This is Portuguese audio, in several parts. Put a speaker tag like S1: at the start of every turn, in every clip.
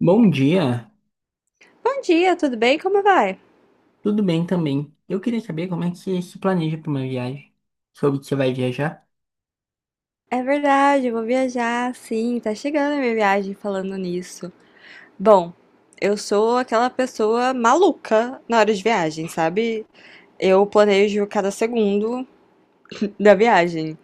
S1: Bom dia,
S2: Bom dia, tudo bem? Como vai?
S1: tudo bem também. Eu queria saber como é que você se planeja para uma viagem. Soube que você vai viajar?
S2: É verdade, eu vou viajar, sim, tá chegando a minha viagem falando nisso. Bom, eu sou aquela pessoa maluca na hora de viagem, sabe? Eu planejo cada segundo da viagem.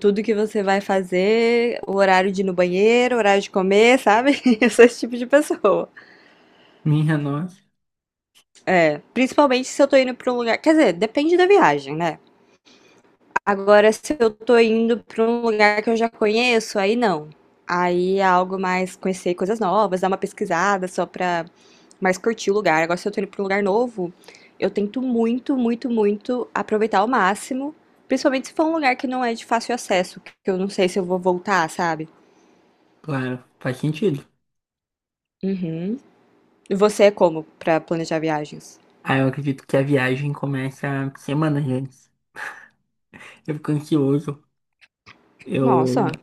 S2: Tudo que você vai fazer, o horário de ir no banheiro, o horário de comer, sabe? Eu sou esse tipo de pessoa.
S1: Minha nossa,
S2: Principalmente se eu tô indo pra um lugar. Quer dizer, depende da viagem, né? Agora, se eu tô indo pra um lugar que eu já conheço, aí não. Aí é algo mais conhecer coisas novas, dar uma pesquisada só pra mais curtir o lugar. Agora, se eu tô indo pra um lugar novo, eu tento muito, muito, muito aproveitar ao máximo, principalmente se for um lugar que não é de fácil acesso, que eu não sei se eu vou voltar, sabe?
S1: claro, faz sentido.
S2: Uhum. E você é como pra planejar viagens?
S1: Ah, eu acredito que a viagem começa semanas antes. Eu fico ansioso,
S2: Nossa,
S1: eu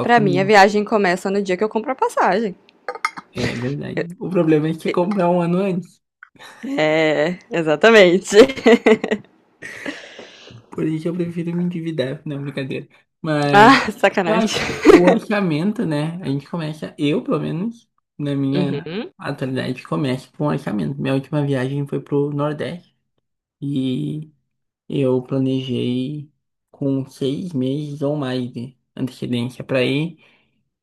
S2: pra mim a
S1: no...
S2: viagem começa no dia que eu compro a passagem.
S1: É verdade. O problema é que você comprar um ano antes.
S2: É, exatamente.
S1: Por isso eu prefiro me endividar, não, brincadeira. Mas
S2: Ah,
S1: eu acho
S2: sacanagem.
S1: que o orçamento, né? A gente começa, eu pelo menos, na minha
S2: Uhum.
S1: atualidade, começo com orçamento. Minha última viagem foi pro Nordeste e eu planejei com 6 meses ou mais de antecedência para ir,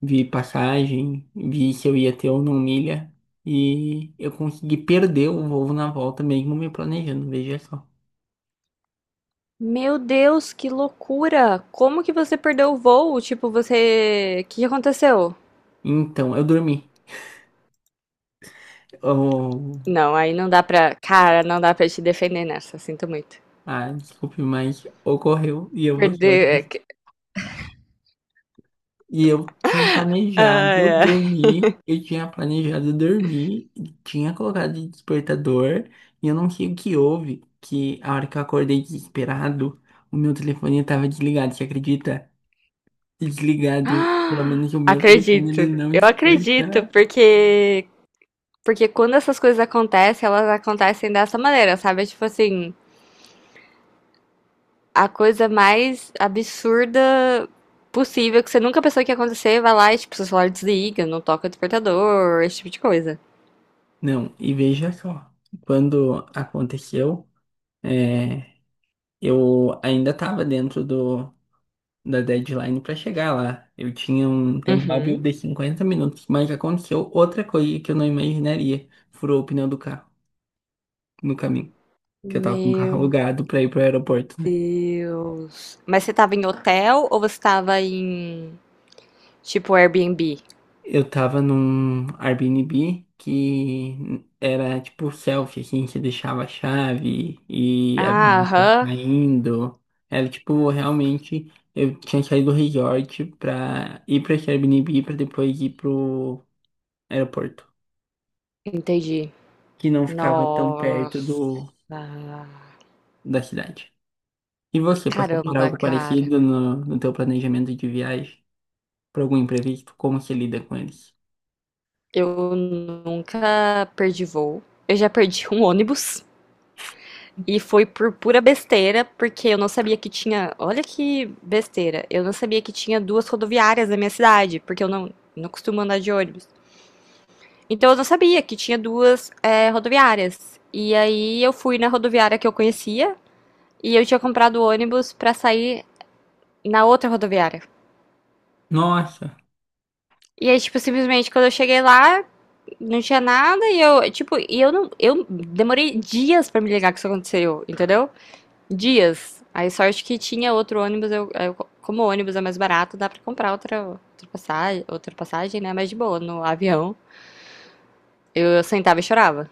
S1: vi passagem, vi se eu ia ter ou não milha. E eu consegui perder o voo na volta, mesmo me planejando, veja só.
S2: Meu Deus, que loucura! Como que você perdeu o voo? Tipo, você. O que que aconteceu?
S1: Então, eu dormi. Eu
S2: Não, aí não dá pra. Cara, não dá pra te defender nessa, sinto muito.
S1: Ah, desculpe, mas ocorreu e eu vou ser
S2: Perder.
S1: honesto. E eu tinha
S2: Ai,
S1: planejado
S2: ai.
S1: dormir, eu tinha planejado dormir, tinha colocado de despertador, e eu não sei o que houve, que a hora que eu acordei desesperado, o meu telefone estava desligado, você acredita? Desligado, pelo menos o meu telefone ele
S2: Acredito.
S1: não
S2: Eu acredito,
S1: desperta.
S2: porque. Porque quando essas coisas acontecem, elas acontecem dessa maneira, sabe? É, tipo assim, a coisa mais absurda possível que você nunca pensou que ia acontecer, vai lá e, tipo, seu celular desliga, não toca o despertador, esse tipo de coisa.
S1: Não, e veja só, quando aconteceu, é, eu ainda estava dentro do da deadline para chegar lá. Eu tinha um tempo hábil
S2: Uhum.
S1: de 50 minutos, mas aconteceu outra coisa que eu não imaginaria. Furou o pneu do carro no caminho, que eu tava com o carro
S2: Meu
S1: alugado para ir pro aeroporto, né?
S2: Deus. Mas você tava em hotel ou você tava em tipo Airbnb?
S1: Eu tava num Airbnb que era tipo selfie, assim, você deixava a chave e avisava
S2: Ah,
S1: que tava
S2: aham.
S1: saindo. Era tipo, realmente, eu tinha saído do resort pra ir pra esse Airbnb pra depois ir pro aeroporto.
S2: Entendi.
S1: Que não ficava tão perto
S2: Nossa.
S1: da cidade. E você, passou por
S2: Caramba,
S1: algo
S2: cara.
S1: parecido no teu planejamento de viagem? Por algum imprevisto? Como você lida com eles?
S2: Eu nunca perdi voo. Eu já perdi um ônibus e foi por pura besteira, porque eu não sabia que tinha. Olha que besteira. Eu não sabia que tinha duas rodoviárias na minha cidade, porque eu não, não costumo andar de ônibus. Então eu não sabia que tinha duas rodoviárias. E aí eu fui na rodoviária que eu conhecia e eu tinha comprado o ônibus pra sair na outra rodoviária.
S1: Nossa,
S2: E aí, tipo, simplesmente quando eu cheguei lá, não tinha nada e eu, tipo, e eu não, eu demorei dias pra me ligar que isso aconteceu, entendeu? Dias. Aí sorte que tinha outro ônibus, como o ônibus é mais barato, dá pra comprar outra passagem, né? Mas de boa, no avião. Eu sentava e chorava.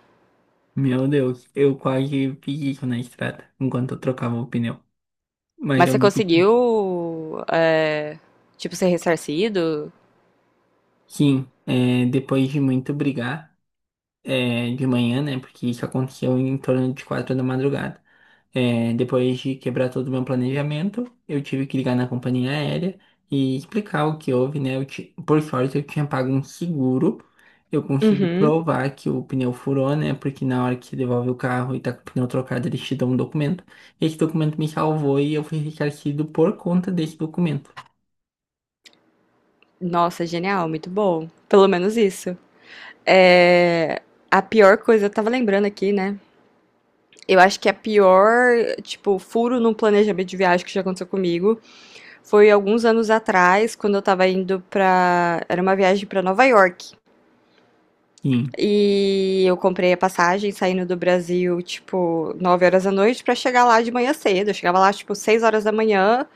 S1: meu Deus, eu quase fiz isso na estrada, enquanto eu trocava o pneu. Mas
S2: Mas
S1: eu
S2: você
S1: não podia.
S2: conseguiu, é, tipo, ser ressarcido?
S1: Sim, é, depois de muito brigar, é, de manhã, né? Porque isso aconteceu em torno de 4 da madrugada. É, depois de quebrar todo o meu planejamento, eu tive que ligar na companhia aérea e explicar o que houve, né? Por sorte, eu tinha pago um seguro. Eu consegui
S2: Uhum.
S1: provar que o pneu furou, né? Porque na hora que você devolve o carro e tá com o pneu trocado, eles te dão um documento. Esse documento me salvou e eu fui ressarcido por conta desse documento.
S2: Nossa, genial, muito bom. Pelo menos isso. É, a pior coisa, eu tava lembrando aqui, né? Eu acho que a pior, tipo, furo no planejamento de viagem que já aconteceu comigo foi alguns anos atrás, quando eu tava indo pra. Era uma viagem pra Nova York.
S1: Sim,
S2: E eu comprei a passagem saindo do Brasil, tipo, 9 horas da noite pra chegar lá de manhã cedo. Eu chegava lá, tipo, 6 horas da manhã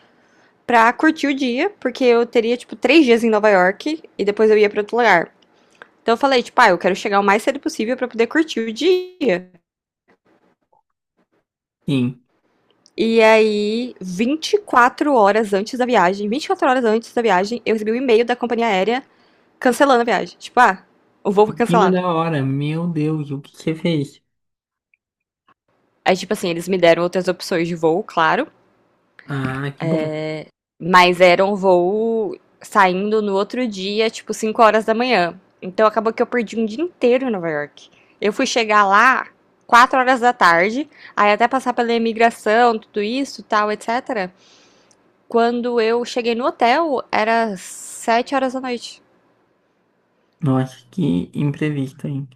S2: pra curtir o dia, porque eu teria, tipo, 3 dias em Nova York e depois eu ia pra outro lugar. Então eu falei, tipo, ah, eu quero chegar o mais cedo possível pra poder curtir o dia.
S1: sim.
S2: E aí, 24 horas antes da viagem, 24 horas antes da viagem, eu recebi um e-mail da companhia aérea cancelando a viagem. Tipo, ah, o voo foi
S1: Em cima
S2: cancelado.
S1: da hora, meu Deus, o que você fez?
S2: Aí, tipo assim, eles me deram outras opções de voo, claro.
S1: Ah, que bom.
S2: Mas era um voo saindo no outro dia, tipo 5 horas da manhã. Então acabou que eu perdi um dia inteiro em Nova York. Eu fui chegar lá 4 horas da tarde, aí até passar pela imigração, tudo isso, tal, etc. Quando eu cheguei no hotel, era 7 horas da noite.
S1: Nossa, que imprevisto, hein?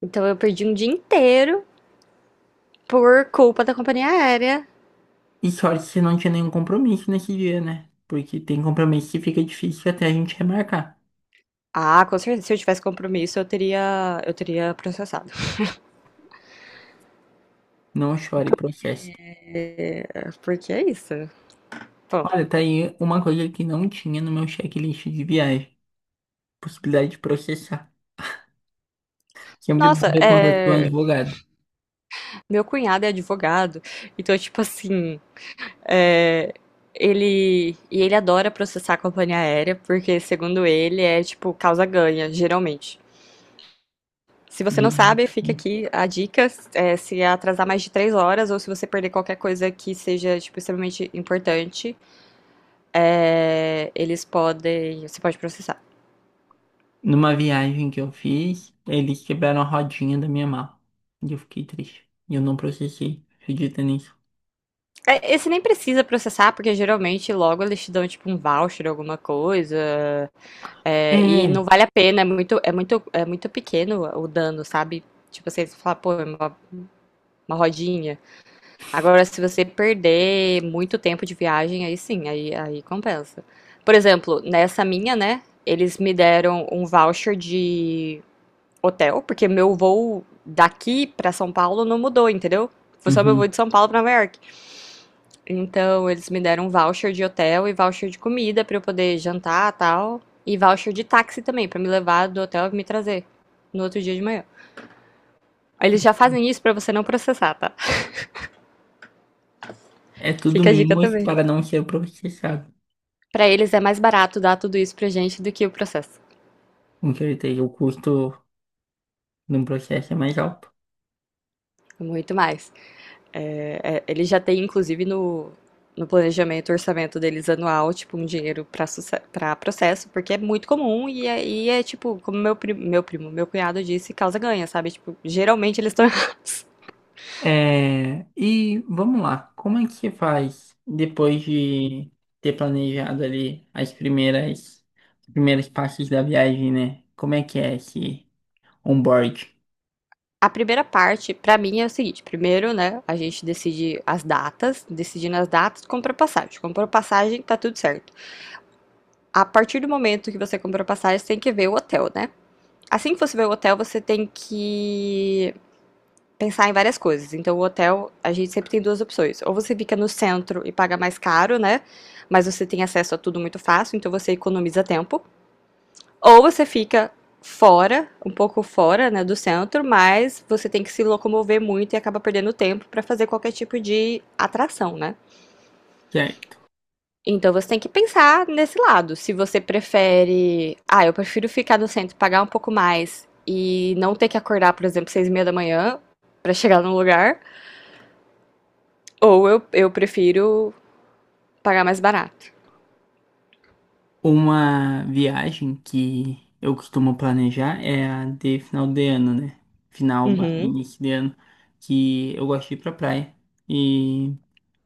S2: Então eu perdi um dia inteiro por culpa da companhia aérea.
S1: E sorte se não tinha nenhum compromisso nesse dia, né? Porque tem compromisso que fica difícil até a gente remarcar.
S2: Ah, com certeza, se eu tivesse compromisso, eu teria processado.
S1: Não chore, processo.
S2: É, porque é isso. Bom,
S1: Olha, tá aí uma coisa que não tinha no meu checklist de viagem. Possibilidade de processar. Sempre bom
S2: nossa,
S1: ter contato com um
S2: é,
S1: advogado.
S2: meu cunhado é advogado, então, tipo assim, é, ele. E ele adora processar a companhia aérea, porque, segundo ele, é tipo causa-ganha, geralmente. Se você não
S1: Geralmente.
S2: sabe, fica aqui a dica, é, se atrasar mais de 3 horas ou se você perder qualquer coisa que seja, tipo, extremamente importante, é, eles podem, você pode processar.
S1: Numa viagem que eu fiz, eles quebraram a rodinha da minha mala. E eu fiquei triste. E eu não processei. Acredita nisso?
S2: É, esse nem precisa processar, porque geralmente logo eles te dão, tipo, um voucher, alguma coisa. É, e não
S1: É.
S2: vale a pena, é muito, é muito, é muito pequeno o dano, sabe? Tipo, você fala, pô, é uma rodinha. Agora, se você perder muito tempo de viagem, aí sim, aí, aí compensa. Por exemplo, nessa minha, né? Eles me deram um voucher de hotel, porque meu voo daqui pra São Paulo não mudou, entendeu? Foi só meu voo
S1: Uhum.
S2: de São Paulo pra Nova York. Então, eles me deram um voucher de hotel e voucher de comida pra eu poder jantar, e tal, e voucher de táxi também pra me levar do hotel e me trazer no outro dia de manhã. Eles já fazem isso pra você não processar, tá?
S1: É tudo
S2: Fica a dica
S1: mimos
S2: também.
S1: para não ser processado.
S2: Pra eles é mais barato dar tudo isso pra gente do que o processo.
S1: Com certeza, o custo num processo mais alto.
S2: Muito mais. É, é, eles já têm, inclusive, no, no planejamento, orçamento deles anual, tipo, um dinheiro para processo, porque é muito comum e é tipo, como meu, meu cunhado disse, causa ganha, sabe? Tipo, geralmente eles estão errados.
S1: É, e vamos lá, como é que você faz depois de ter planejado ali os primeiros passos da viagem, né? Como é que é esse onboard?
S2: A primeira parte, pra mim, é o seguinte: primeiro, né, a gente decide as datas, decidindo as datas, compra passagem. Comprou passagem, tá tudo certo. A partir do momento que você comprou passagem, você tem que ver o hotel, né? Assim que você ver o hotel, você tem que pensar em várias coisas. Então, o hotel, a gente sempre tem duas opções. Ou você fica no centro e paga mais caro, né? Mas você tem acesso a tudo muito fácil, então você economiza tempo. Ou você fica fora, um pouco fora, né, do centro, mas você tem que se locomover muito e acaba perdendo tempo para fazer qualquer tipo de atração, né?
S1: Certo.
S2: Então você tem que pensar nesse lado. Se você prefere, ah, eu prefiro ficar no centro, pagar um pouco mais e não ter que acordar, por exemplo, 6h30 da manhã para chegar num lugar, ou eu prefiro pagar mais barato.
S1: Uma viagem que eu costumo planejar é a de final de ano, né? Final, barra
S2: Uhum.
S1: início de ano, que eu gosto de ir pra praia. E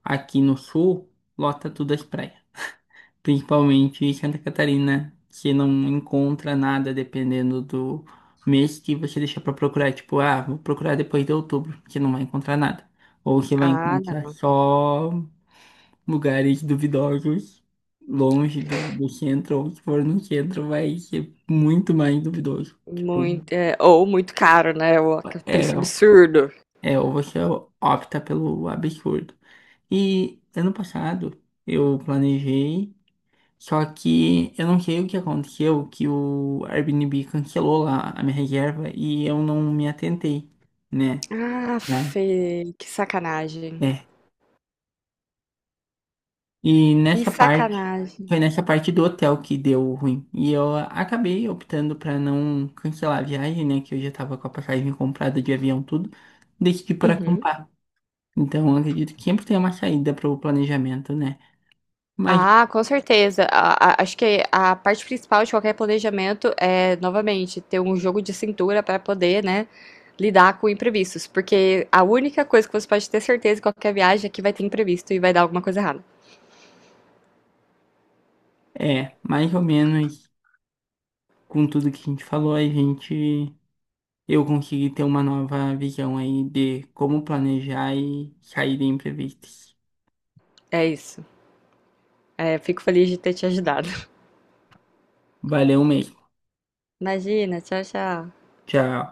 S1: aqui no sul, lota tudo as praias. Principalmente em Santa Catarina, que não encontra nada dependendo do mês que você deixar para procurar. Tipo, ah, vou procurar depois de outubro, que não vai encontrar nada. Ou você vai
S2: Ah,
S1: encontrar
S2: não.
S1: só lugares duvidosos, longe do centro, ou se for no centro, vai ser muito mais duvidoso.
S2: Muito, é, ou muito caro, né? O
S1: É,
S2: preço absurdo.
S1: ou você opta pelo absurdo. E ano passado, eu planejei. Só que eu não sei o que aconteceu, que o Airbnb cancelou lá a minha reserva e eu não me atentei, né?
S2: Ah,
S1: Lá.
S2: Fê, que sacanagem.
S1: É. E
S2: Que
S1: nessa parte,
S2: sacanagem.
S1: foi nessa parte do hotel que deu ruim. E eu acabei optando pra não cancelar a viagem, né? Que eu já tava com a passagem comprada de avião, tudo. Decidi por
S2: Uhum.
S1: acampar. Então, eu acredito que sempre tem uma saída pro planejamento, né? Mas
S2: Ah, com certeza. Acho que a parte principal de qualquer planejamento é, novamente, ter um jogo de cintura para poder, né, lidar com imprevistos. Porque a única coisa que você pode ter certeza em qualquer viagem é que vai ter imprevisto e vai dar alguma coisa errada.
S1: é, mais ou menos com tudo que a gente falou, a gente eu consegui ter uma nova visão aí de como planejar e sair de imprevistos.
S2: É isso. É, fico feliz de ter te ajudado.
S1: Valeu mesmo.
S2: Imagina, tchau, tchau.
S1: Tchau.